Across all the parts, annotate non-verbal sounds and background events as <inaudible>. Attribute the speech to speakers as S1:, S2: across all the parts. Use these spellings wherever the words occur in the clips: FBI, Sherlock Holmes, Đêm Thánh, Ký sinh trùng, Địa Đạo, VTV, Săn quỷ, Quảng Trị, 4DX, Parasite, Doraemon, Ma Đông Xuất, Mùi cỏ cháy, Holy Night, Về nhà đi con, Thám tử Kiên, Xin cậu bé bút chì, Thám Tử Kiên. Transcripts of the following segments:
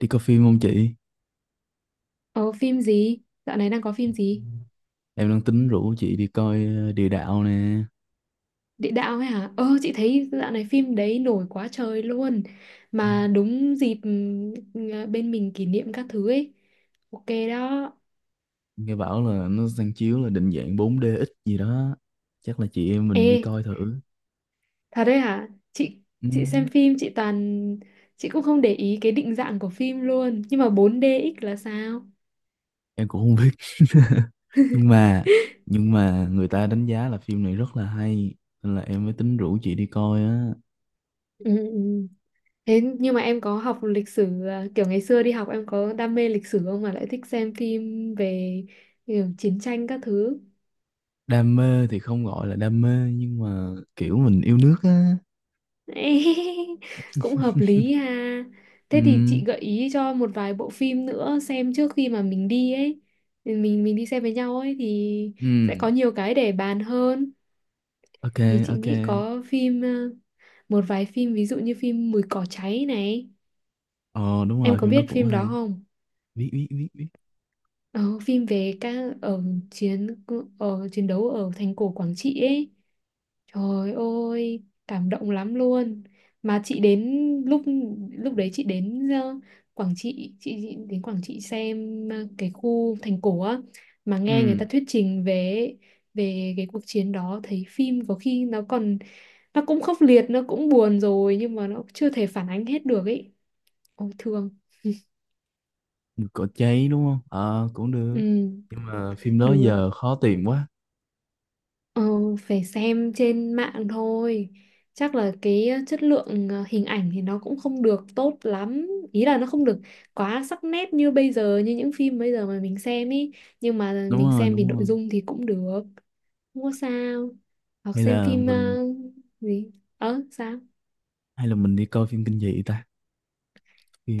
S1: Đi coi phim không chị?
S2: Ờ phim gì? Dạo này đang có phim gì?
S1: Em đang tính rủ chị đi coi Địa Đạo nè.
S2: Địa đạo ấy hả? Ờ chị thấy dạo này phim đấy nổi quá trời luôn. Mà đúng dịp bên mình kỷ niệm các thứ ấy. Ok đó.
S1: Nghe bảo là nó đang chiếu là định dạng 4DX gì đó. Chắc là chị em
S2: Ê,
S1: mình đi coi thử.
S2: thật đấy hả? Chị
S1: Ừ,
S2: chị xem phim chị toàn cũng không để ý cái định dạng của phim luôn. Nhưng mà 4DX là sao?
S1: em cũng không biết. <laughs> Nhưng mà nhưng mà người ta đánh giá là phim này rất là hay. Nên là em mới tính rủ chị đi coi á.
S2: Ừ, ừ. Thế nhưng mà em có học lịch sử à, kiểu ngày xưa đi học em có đam mê lịch sử không mà lại thích xem phim về kiểu chiến tranh các thứ?
S1: Đam mê thì không gọi là đam mê nhưng mà kiểu mình yêu nước á.
S2: <laughs> Cũng hợp
S1: <laughs>
S2: lý ha,
S1: Ừ,
S2: thế thì chị gợi ý cho một vài bộ phim nữa xem trước khi mà mình đi ấy. Thì mình đi xem với nhau ấy thì
S1: ừ,
S2: sẽ có nhiều cái để bàn hơn.
S1: ok,
S2: Thì chị
S1: ok.
S2: nghĩ có phim một vài phim ví dụ như phim Mùi cỏ cháy này,
S1: Ờ đúng
S2: em
S1: rồi,
S2: có
S1: phim nó
S2: biết
S1: cũng
S2: phim đó
S1: hay.
S2: không?
S1: Biết, biết, biết, biết.
S2: Ờ, Phim về các chiến ở chiến đấu ở thành cổ Quảng Trị ấy. Trời ơi, cảm động lắm luôn. Mà chị đến lúc lúc đấy chị đến Quảng Trị, chị đến Quảng Trị xem cái khu thành cổ á, mà nghe người ta
S1: Ừ.
S2: thuyết trình về về cái cuộc chiến đó, thấy phim có khi nó còn nó cũng khốc liệt, nó cũng buồn rồi nhưng mà nó chưa thể phản ánh hết được ấy. Ôi thương.
S1: Được cỏ cháy đúng không? Ờ cũng được
S2: Ừ,
S1: nhưng mà phim đó
S2: được.
S1: giờ khó tìm quá.
S2: Ờ, phải xem trên mạng thôi. Chắc là cái chất lượng hình ảnh thì nó cũng không được tốt lắm. Ý là nó không được quá sắc nét như bây giờ, như những phim bây giờ mà mình xem ý. Nhưng mà
S1: Đúng
S2: mình
S1: rồi
S2: xem vì
S1: đúng
S2: nội
S1: rồi.
S2: dung thì cũng được. Không có sao. Hoặc
S1: hay
S2: xem
S1: là
S2: phim
S1: mình
S2: gì? Ờ, sao? <laughs>
S1: hay là mình đi coi phim kinh dị ta,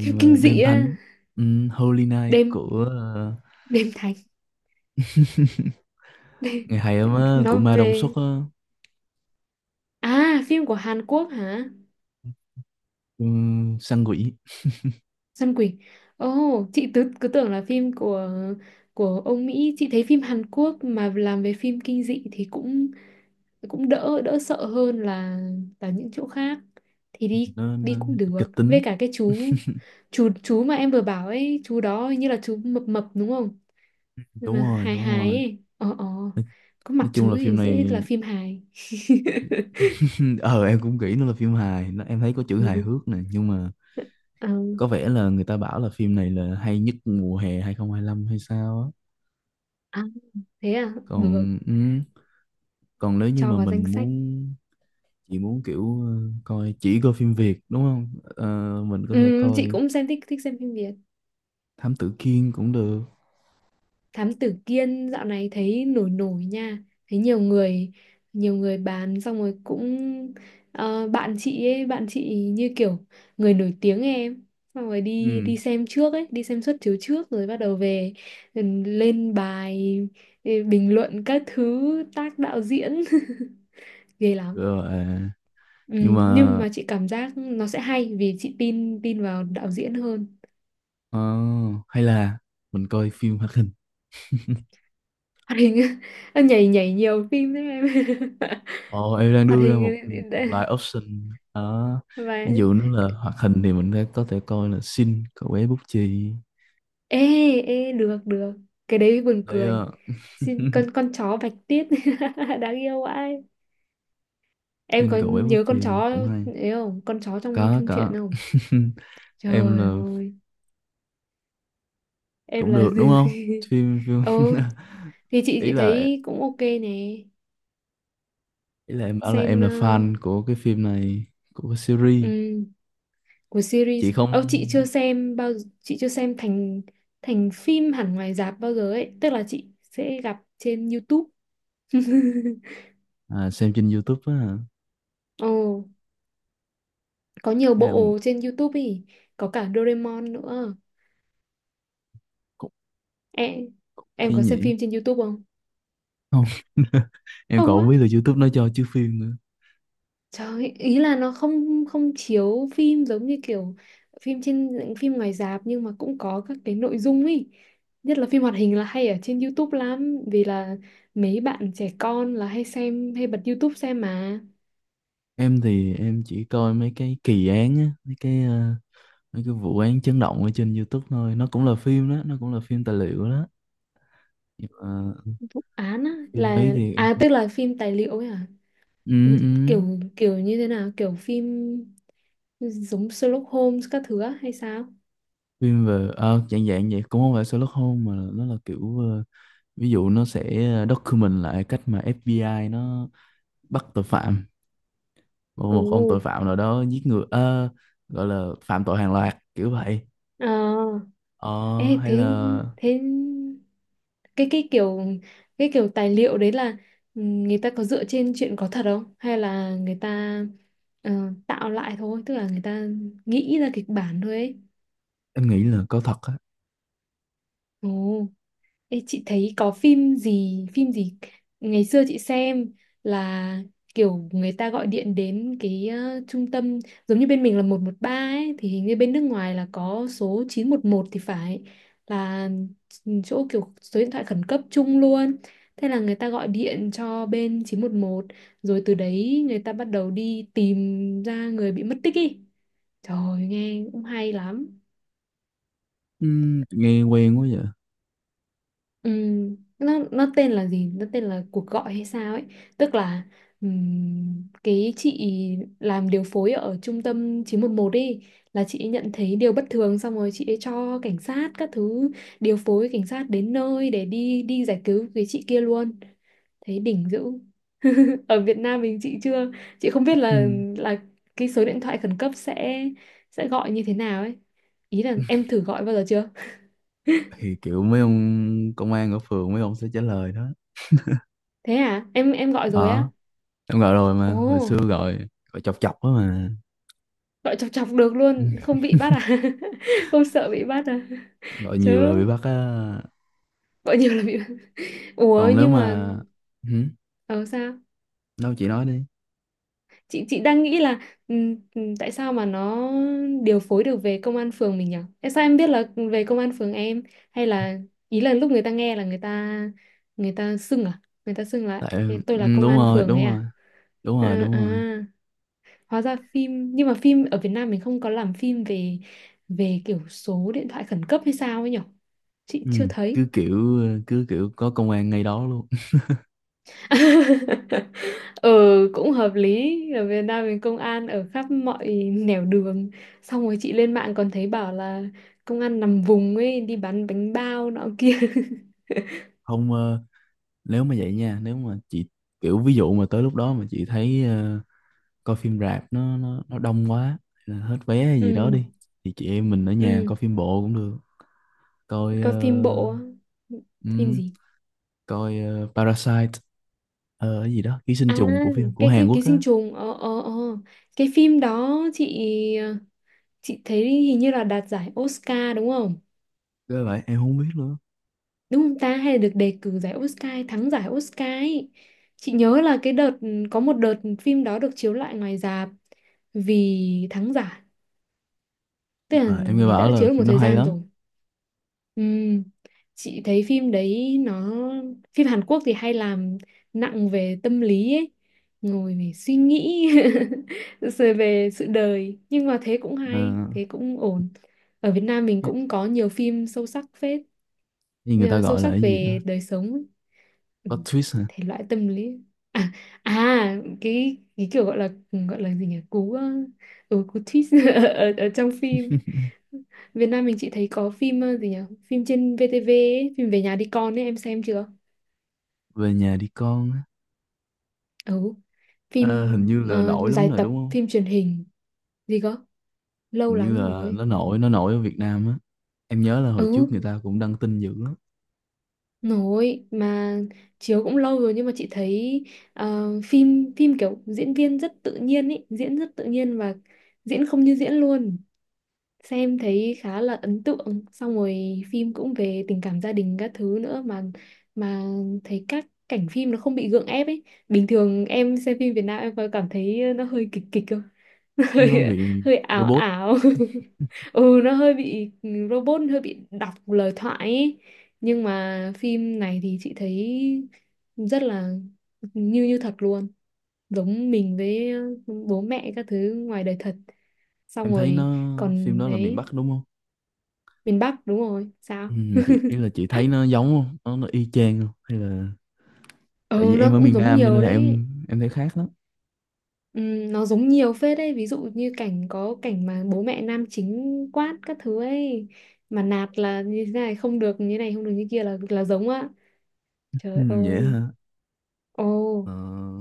S2: Phim kinh dị
S1: Đêm
S2: á.
S1: Thánh, ừ, Holy Night
S2: Đêm,
S1: của
S2: đêm thánh. <laughs>
S1: <laughs> ngày hay lắm á, của
S2: Nó
S1: Ma Đông Xuất
S2: về...
S1: á.
S2: À, phim của Hàn Quốc hả?
S1: Ừ, săn quỷ.
S2: Săn quỷ. Ồ, oh, chị cứ tưởng là phim của ông Mỹ. Chị thấy phim Hàn Quốc mà làm về phim kinh dị thì cũng cũng đỡ đỡ sợ hơn là những chỗ khác. Thì đi
S1: nó,
S2: đi
S1: nó
S2: cũng được.
S1: kịch
S2: Với
S1: tính.
S2: cả cái chú mà em vừa bảo ấy, chú đó hình như là chú mập mập đúng không? Nhưng mà
S1: Đúng rồi
S2: hài
S1: đúng
S2: hài
S1: rồi.
S2: ấy. Ờ ờ. Có
S1: Nói
S2: mặt
S1: chung
S2: chú
S1: là phim
S2: thì
S1: này
S2: dễ là phim hài. <laughs>
S1: <laughs> ờ em cũng nghĩ nó là phim hài, nó em thấy có chữ hài hước nè, nhưng mà
S2: Ờ,
S1: có vẻ là người ta bảo là phim này là hay nhất mùa hè hai không hai lăm hay sao á.
S2: à, thế à? Được,
S1: Còn ừ, còn nếu như
S2: cho
S1: mà
S2: vào danh
S1: mình
S2: sách.
S1: muốn chỉ muốn kiểu coi, chỉ coi phim Việt đúng không? Ờ, mình có thể
S2: Ừ, chị
S1: coi
S2: cũng xem thích thích xem phim Việt.
S1: Thám Tử Kiên cũng được.
S2: Thám tử Kiên dạo này thấy nổi nổi nha, thấy nhiều người bán xong rồi cũng bạn chị như kiểu người nổi tiếng ấy em, xong rồi đi
S1: Ừ.
S2: đi xem trước ấy, đi xem suất chiếu trước rồi bắt đầu về, ừ, lên bài, ừ, bình luận các thứ tác đạo diễn <laughs> ghê lắm.
S1: Rồi à,
S2: Ừ,
S1: nhưng mà
S2: nhưng mà chị cảm giác nó sẽ hay vì chị tin tin vào đạo diễn hơn.
S1: ờ, hay là mình coi phim hoạt hình.
S2: Hoạt hình <laughs> nhảy nhảy nhiều phim đấy em. <laughs>
S1: Ồ, em đang
S2: Hoạt
S1: đưa ra một,
S2: hình
S1: một loại option đó.
S2: và
S1: Ví dụ nó là hoạt hình thì mình có thể coi là Xin cậu bé bút chì.
S2: ê ê được được, cái đấy buồn
S1: Đấy,
S2: cười.
S1: ờ,
S2: Xin con
S1: <laughs>
S2: con chó bạch tuyết. <laughs> Đáng yêu vãi, em
S1: Xin
S2: có
S1: cậu bé bút
S2: nhớ con chó
S1: chì cũng hay.
S2: ấy không, con chó trong
S1: Có,
S2: chung truyện
S1: có.
S2: không?
S1: <laughs> Em
S2: Trời
S1: là
S2: ơi, em
S1: cũng
S2: là
S1: được đúng không? Phim
S2: <laughs>
S1: phim
S2: ừ,
S1: <laughs>
S2: thì chị
S1: ý
S2: chị
S1: là
S2: thấy cũng ok nè.
S1: ý là em bảo là em
S2: Xem
S1: là fan của cái phim này, của cái series.
S2: ừm, của
S1: Chị
S2: series.
S1: không
S2: Ơ chị chưa xem bao, chị chưa xem thành thành phim hẳn ngoài rạp bao giờ ấy, tức là chị sẽ gặp trên YouTube.
S1: à, xem trên YouTube á hả?
S2: <laughs> Ồ, có nhiều
S1: Hay là
S2: bộ trên YouTube ý, có cả Doraemon nữa
S1: cũng,
S2: em
S1: cũng
S2: em
S1: hay
S2: có xem
S1: nhỉ.
S2: phim trên YouTube không?
S1: Không <laughs> em
S2: Không
S1: còn
S2: á,
S1: không biết là YouTube nó cho chứ phim nữa.
S2: trời ơi, ý là nó không không chiếu phim giống như kiểu phim trên phim ngoài rạp, nhưng mà cũng có các cái nội dung ý, nhất là phim hoạt hình là hay ở trên YouTube lắm vì là mấy bạn trẻ con là hay xem hay bật YouTube xem mà.
S1: Em thì em chỉ coi mấy cái kỳ án á, mấy cái mấy cái vụ án chấn động ở trên YouTube thôi, nó cũng là phim đó, nó cũng là phim tài liệu đó. Nhưng mà
S2: Án á
S1: phim ấy
S2: là
S1: thì
S2: à, tức là phim tài liệu ấy à,
S1: ừ, ừ.
S2: kiểu kiểu như thế nào, kiểu phim giống Sherlock Holmes các thứ á hay sao?
S1: Phim về à, dạng dạng vậy, cũng không phải Sherlock Holmes mà nó là kiểu ví dụ nó sẽ document lại cách mà FBI nó bắt tội phạm, một, một ông tội
S2: Ồ.
S1: phạm nào đó giết người gọi là phạm tội hàng loạt kiểu vậy.
S2: Ờ,
S1: Ờ,
S2: ê,
S1: hay
S2: thế
S1: là
S2: thế cái cái kiểu cái kiểu tài liệu đấy là, ừ, người ta có dựa trên chuyện có thật không hay là người ta ờ, tạo lại thôi, tức là người ta nghĩ ra kịch bản thôi ấy.
S1: em nghĩ là có thật á.
S2: Ồ. Ê, chị thấy có phim gì ngày xưa chị xem là kiểu người ta gọi điện đến cái trung tâm giống như bên mình là 113 ấy, thì hình như bên nước ngoài là có số 911 thì phải, là chỗ kiểu số điện thoại khẩn cấp chung luôn. Thế là người ta gọi điện cho bên 911, rồi từ đấy người ta bắt đầu đi tìm ra người bị mất tích ý. Trời ơi, nghe cũng hay lắm.
S1: Nghe quen quá vậy.
S2: Nó tên là gì? Nó tên là cuộc gọi hay sao ấy? Tức là cái chị làm điều phối ở trung tâm 911 ấy, là chị ấy nhận thấy điều bất thường xong rồi chị ấy cho cảnh sát các thứ, điều phối cảnh sát đến nơi để đi đi giải cứu cái chị kia luôn. Thấy đỉnh dữ. <laughs> Ở Việt Nam mình chị chưa, chị không biết
S1: Ừm.
S2: là cái số điện thoại khẩn cấp sẽ gọi như thế nào ấy. Ý là em
S1: <laughs>
S2: thử gọi bao giờ chưa?
S1: Thì kiểu mấy ông công an ở phường mấy ông sẽ trả lời đó.
S2: Thế à? Em gọi rồi á?
S1: Ờ em gọi rồi mà
S2: Ồ.
S1: hồi xưa gọi, gọi chọc chọc á mà.
S2: Gọi chọc chọc được
S1: Ừm,
S2: luôn không bị bắt à? <laughs> Không sợ bị bắt à?
S1: gọi nhiều
S2: Chứ
S1: là bị bắt á.
S2: gọi nhiều là bị bắt. Ủa
S1: Còn nếu
S2: nhưng mà
S1: mà Hử?
S2: ờ sao,
S1: Đâu chị nói đi.
S2: chị đang nghĩ là tại sao mà nó điều phối được về công an phường mình nhỉ? Tại sao em biết là về công an phường em, hay là ý là lúc người ta nghe là người ta xưng à, người ta xưng là
S1: Tại
S2: "Ê, tôi là công
S1: đúng
S2: an
S1: rồi
S2: phường" ấy
S1: đúng rồi,
S2: à?
S1: đúng rồi
S2: À,
S1: đúng rồi.
S2: à, hóa ra phim, nhưng mà phim ở Việt Nam mình không có làm phim về về kiểu số điện thoại khẩn cấp hay sao ấy nhỉ, chị
S1: Ừ,
S2: chưa thấy.
S1: cứ kiểu cứ kiểu có công an ngay đó luôn. <laughs>
S2: <laughs> Ừ, cũng hợp lý, ở Việt Nam mình công an ở khắp mọi nẻo đường, xong rồi chị lên mạng còn thấy bảo là công an nằm vùng ấy đi bán bánh bao nọ kia.
S1: Không nếu mà vậy nha, nếu mà chị kiểu ví dụ mà tới lúc đó mà chị thấy coi phim rạp nó đông quá hay là hết vé hay
S2: <laughs>
S1: gì đó
S2: Ừ,
S1: đi, thì chị em mình ở nhà
S2: ừ,
S1: coi phim bộ cũng được. Coi
S2: có phim bộ
S1: ờ,
S2: á. Phim
S1: ừm,
S2: gì?
S1: coi Parasite, ờ, cái gì đó ký sinh
S2: À
S1: trùng, của phim của Hàn
S2: cái ký
S1: Quốc á.
S2: sinh trùng ờ ờ ờ cái phim đó chị thấy hình như là đạt giải Oscar đúng không?
S1: Cái vậy em không biết nữa,
S2: Đúng không ta? Hay là được đề cử giải Oscar, hay thắng giải Oscar ấy. Chị nhớ là cái đợt, có một đợt phim đó được chiếu lại ngoài rạp vì thắng giải.
S1: nhưng
S2: Tức là
S1: mà em nghe
S2: người ta
S1: bảo
S2: đã
S1: là
S2: chiếu được một
S1: phim nó
S2: thời
S1: hay
S2: gian
S1: lắm.
S2: rồi. Ừm, Chị thấy phim đấy nó phim Hàn Quốc thì hay làm nặng về tâm lý ấy, ngồi để suy nghĩ <laughs> rồi về sự đời, nhưng mà thế cũng
S1: Ờ,
S2: hay, thế cũng ổn. Ở Việt Nam mình
S1: cái,
S2: cũng có nhiều phim sâu sắc phết.
S1: cái người ta
S2: Ờ, sâu
S1: gọi là
S2: sắc
S1: cái gì đó,
S2: về đời sống ấy. Ừ,
S1: plot twist hả?
S2: thể loại tâm lý. À, à cái kiểu gọi là gì nhỉ cú ừ, cú twist <laughs> ở trong phim
S1: <laughs>
S2: Việt Nam mình chị thấy có phim gì nhỉ, phim trên VTV ấy, phim Về nhà đi con ấy em xem chưa?
S1: Về nhà đi con.
S2: Ừ, phim
S1: Ờ, hình như là nổi lắm
S2: dài
S1: rồi
S2: tập
S1: đúng không?
S2: phim truyền hình gì cơ, lâu
S1: Hình như
S2: lắm
S1: là
S2: rồi.
S1: nó nổi ở Việt Nam á. Em nhớ là
S2: Ừ,
S1: hồi trước người ta cũng đăng tin dữ lắm.
S2: nổi mà, chiếu cũng lâu rồi, nhưng mà chị thấy phim phim kiểu diễn viên rất tự nhiên ý, diễn rất tự nhiên và diễn không như diễn luôn. Xem thấy khá là ấn tượng. Xong rồi phim cũng về tình cảm gia đình các thứ nữa mà thấy các cảnh phim nó không bị gượng ép ấy. Bình thường em xem phim Việt Nam em có cảm thấy nó hơi kịch kịch không?
S1: Nó
S2: Hơi
S1: về
S2: hơi ảo
S1: robot.
S2: ảo <laughs> ừ, nó hơi bị robot, hơi bị đọc lời thoại ấy. Nhưng mà phim này thì chị thấy rất là như như thật luôn, giống mình với bố mẹ các thứ ngoài đời thật, xong
S1: Em thấy
S2: rồi
S1: nó phim
S2: còn
S1: đó là miền
S2: đấy
S1: Bắc đúng không?
S2: miền Bắc đúng rồi sao.
S1: Ừ, mà chị ý là chị thấy nó giống không? Nó y chang không? Hay là tại vì
S2: Ừ
S1: em
S2: nó
S1: ở
S2: cũng
S1: miền
S2: giống
S1: Nam cho nên
S2: nhiều
S1: là
S2: đấy.
S1: em thấy khác lắm.
S2: Nó giống nhiều phết đấy, ví dụ như cảnh có cảnh mà bố mẹ nam chính quát các thứ ấy, mà nạt là như thế này không được, như này không được, như kia là giống á,
S1: Ừ,
S2: trời
S1: vậy
S2: ơi,
S1: hả?
S2: ồ,
S1: Ờ,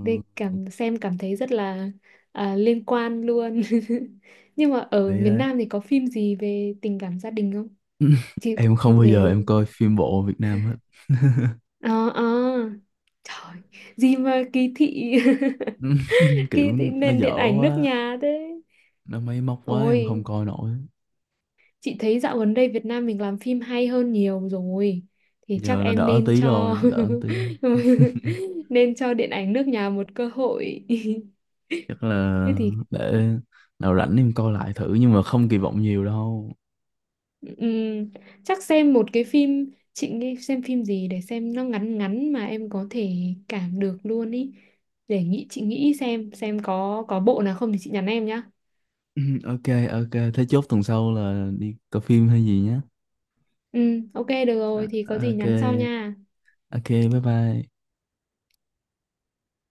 S2: đây cảm xem cảm thấy rất là à, liên quan luôn. <laughs> Nhưng mà ở
S1: đấy
S2: miền
S1: đấy.
S2: Nam thì có phim gì về tình cảm gia đình không?
S1: <laughs>
S2: Chị
S1: Em không bao giờ
S2: về
S1: em coi phim bộ Việt Nam hết.
S2: ờ ờ trời, gì mà kỳ thị,
S1: <laughs>
S2: <laughs>
S1: Kiểu
S2: kỳ thị
S1: nó
S2: nền điện
S1: dở
S2: ảnh nước
S1: quá,
S2: nhà thế.
S1: nó máy móc quá em không
S2: Ôi,
S1: coi nổi.
S2: chị thấy dạo gần đây Việt Nam mình làm phim hay hơn nhiều rồi. Thì chắc
S1: Giờ là
S2: em
S1: đỡ
S2: nên
S1: tí
S2: cho
S1: rồi, đỡ tí.
S2: <laughs>
S1: <laughs>
S2: nên cho điện ảnh nước nhà một cơ hội. <laughs>
S1: Chắc là
S2: Thế thì
S1: để nào rảnh em coi lại thử, nhưng mà không kỳ vọng nhiều đâu. <laughs>
S2: ừm, chắc xem một cái phim, chị nghĩ xem phim gì để xem nó ngắn ngắn mà em có thể cảm được luôn ý. Để nghĩ, chị nghĩ xem có bộ nào không thì chị nhắn em nhá.
S1: <clears throat> Ok ok, thế chốt tuần sau là đi coi phim hay gì nhé.
S2: Ừ ok được rồi, thì có
S1: À,
S2: gì
S1: ok,
S2: nhắn sau nha.
S1: ok, bye bye.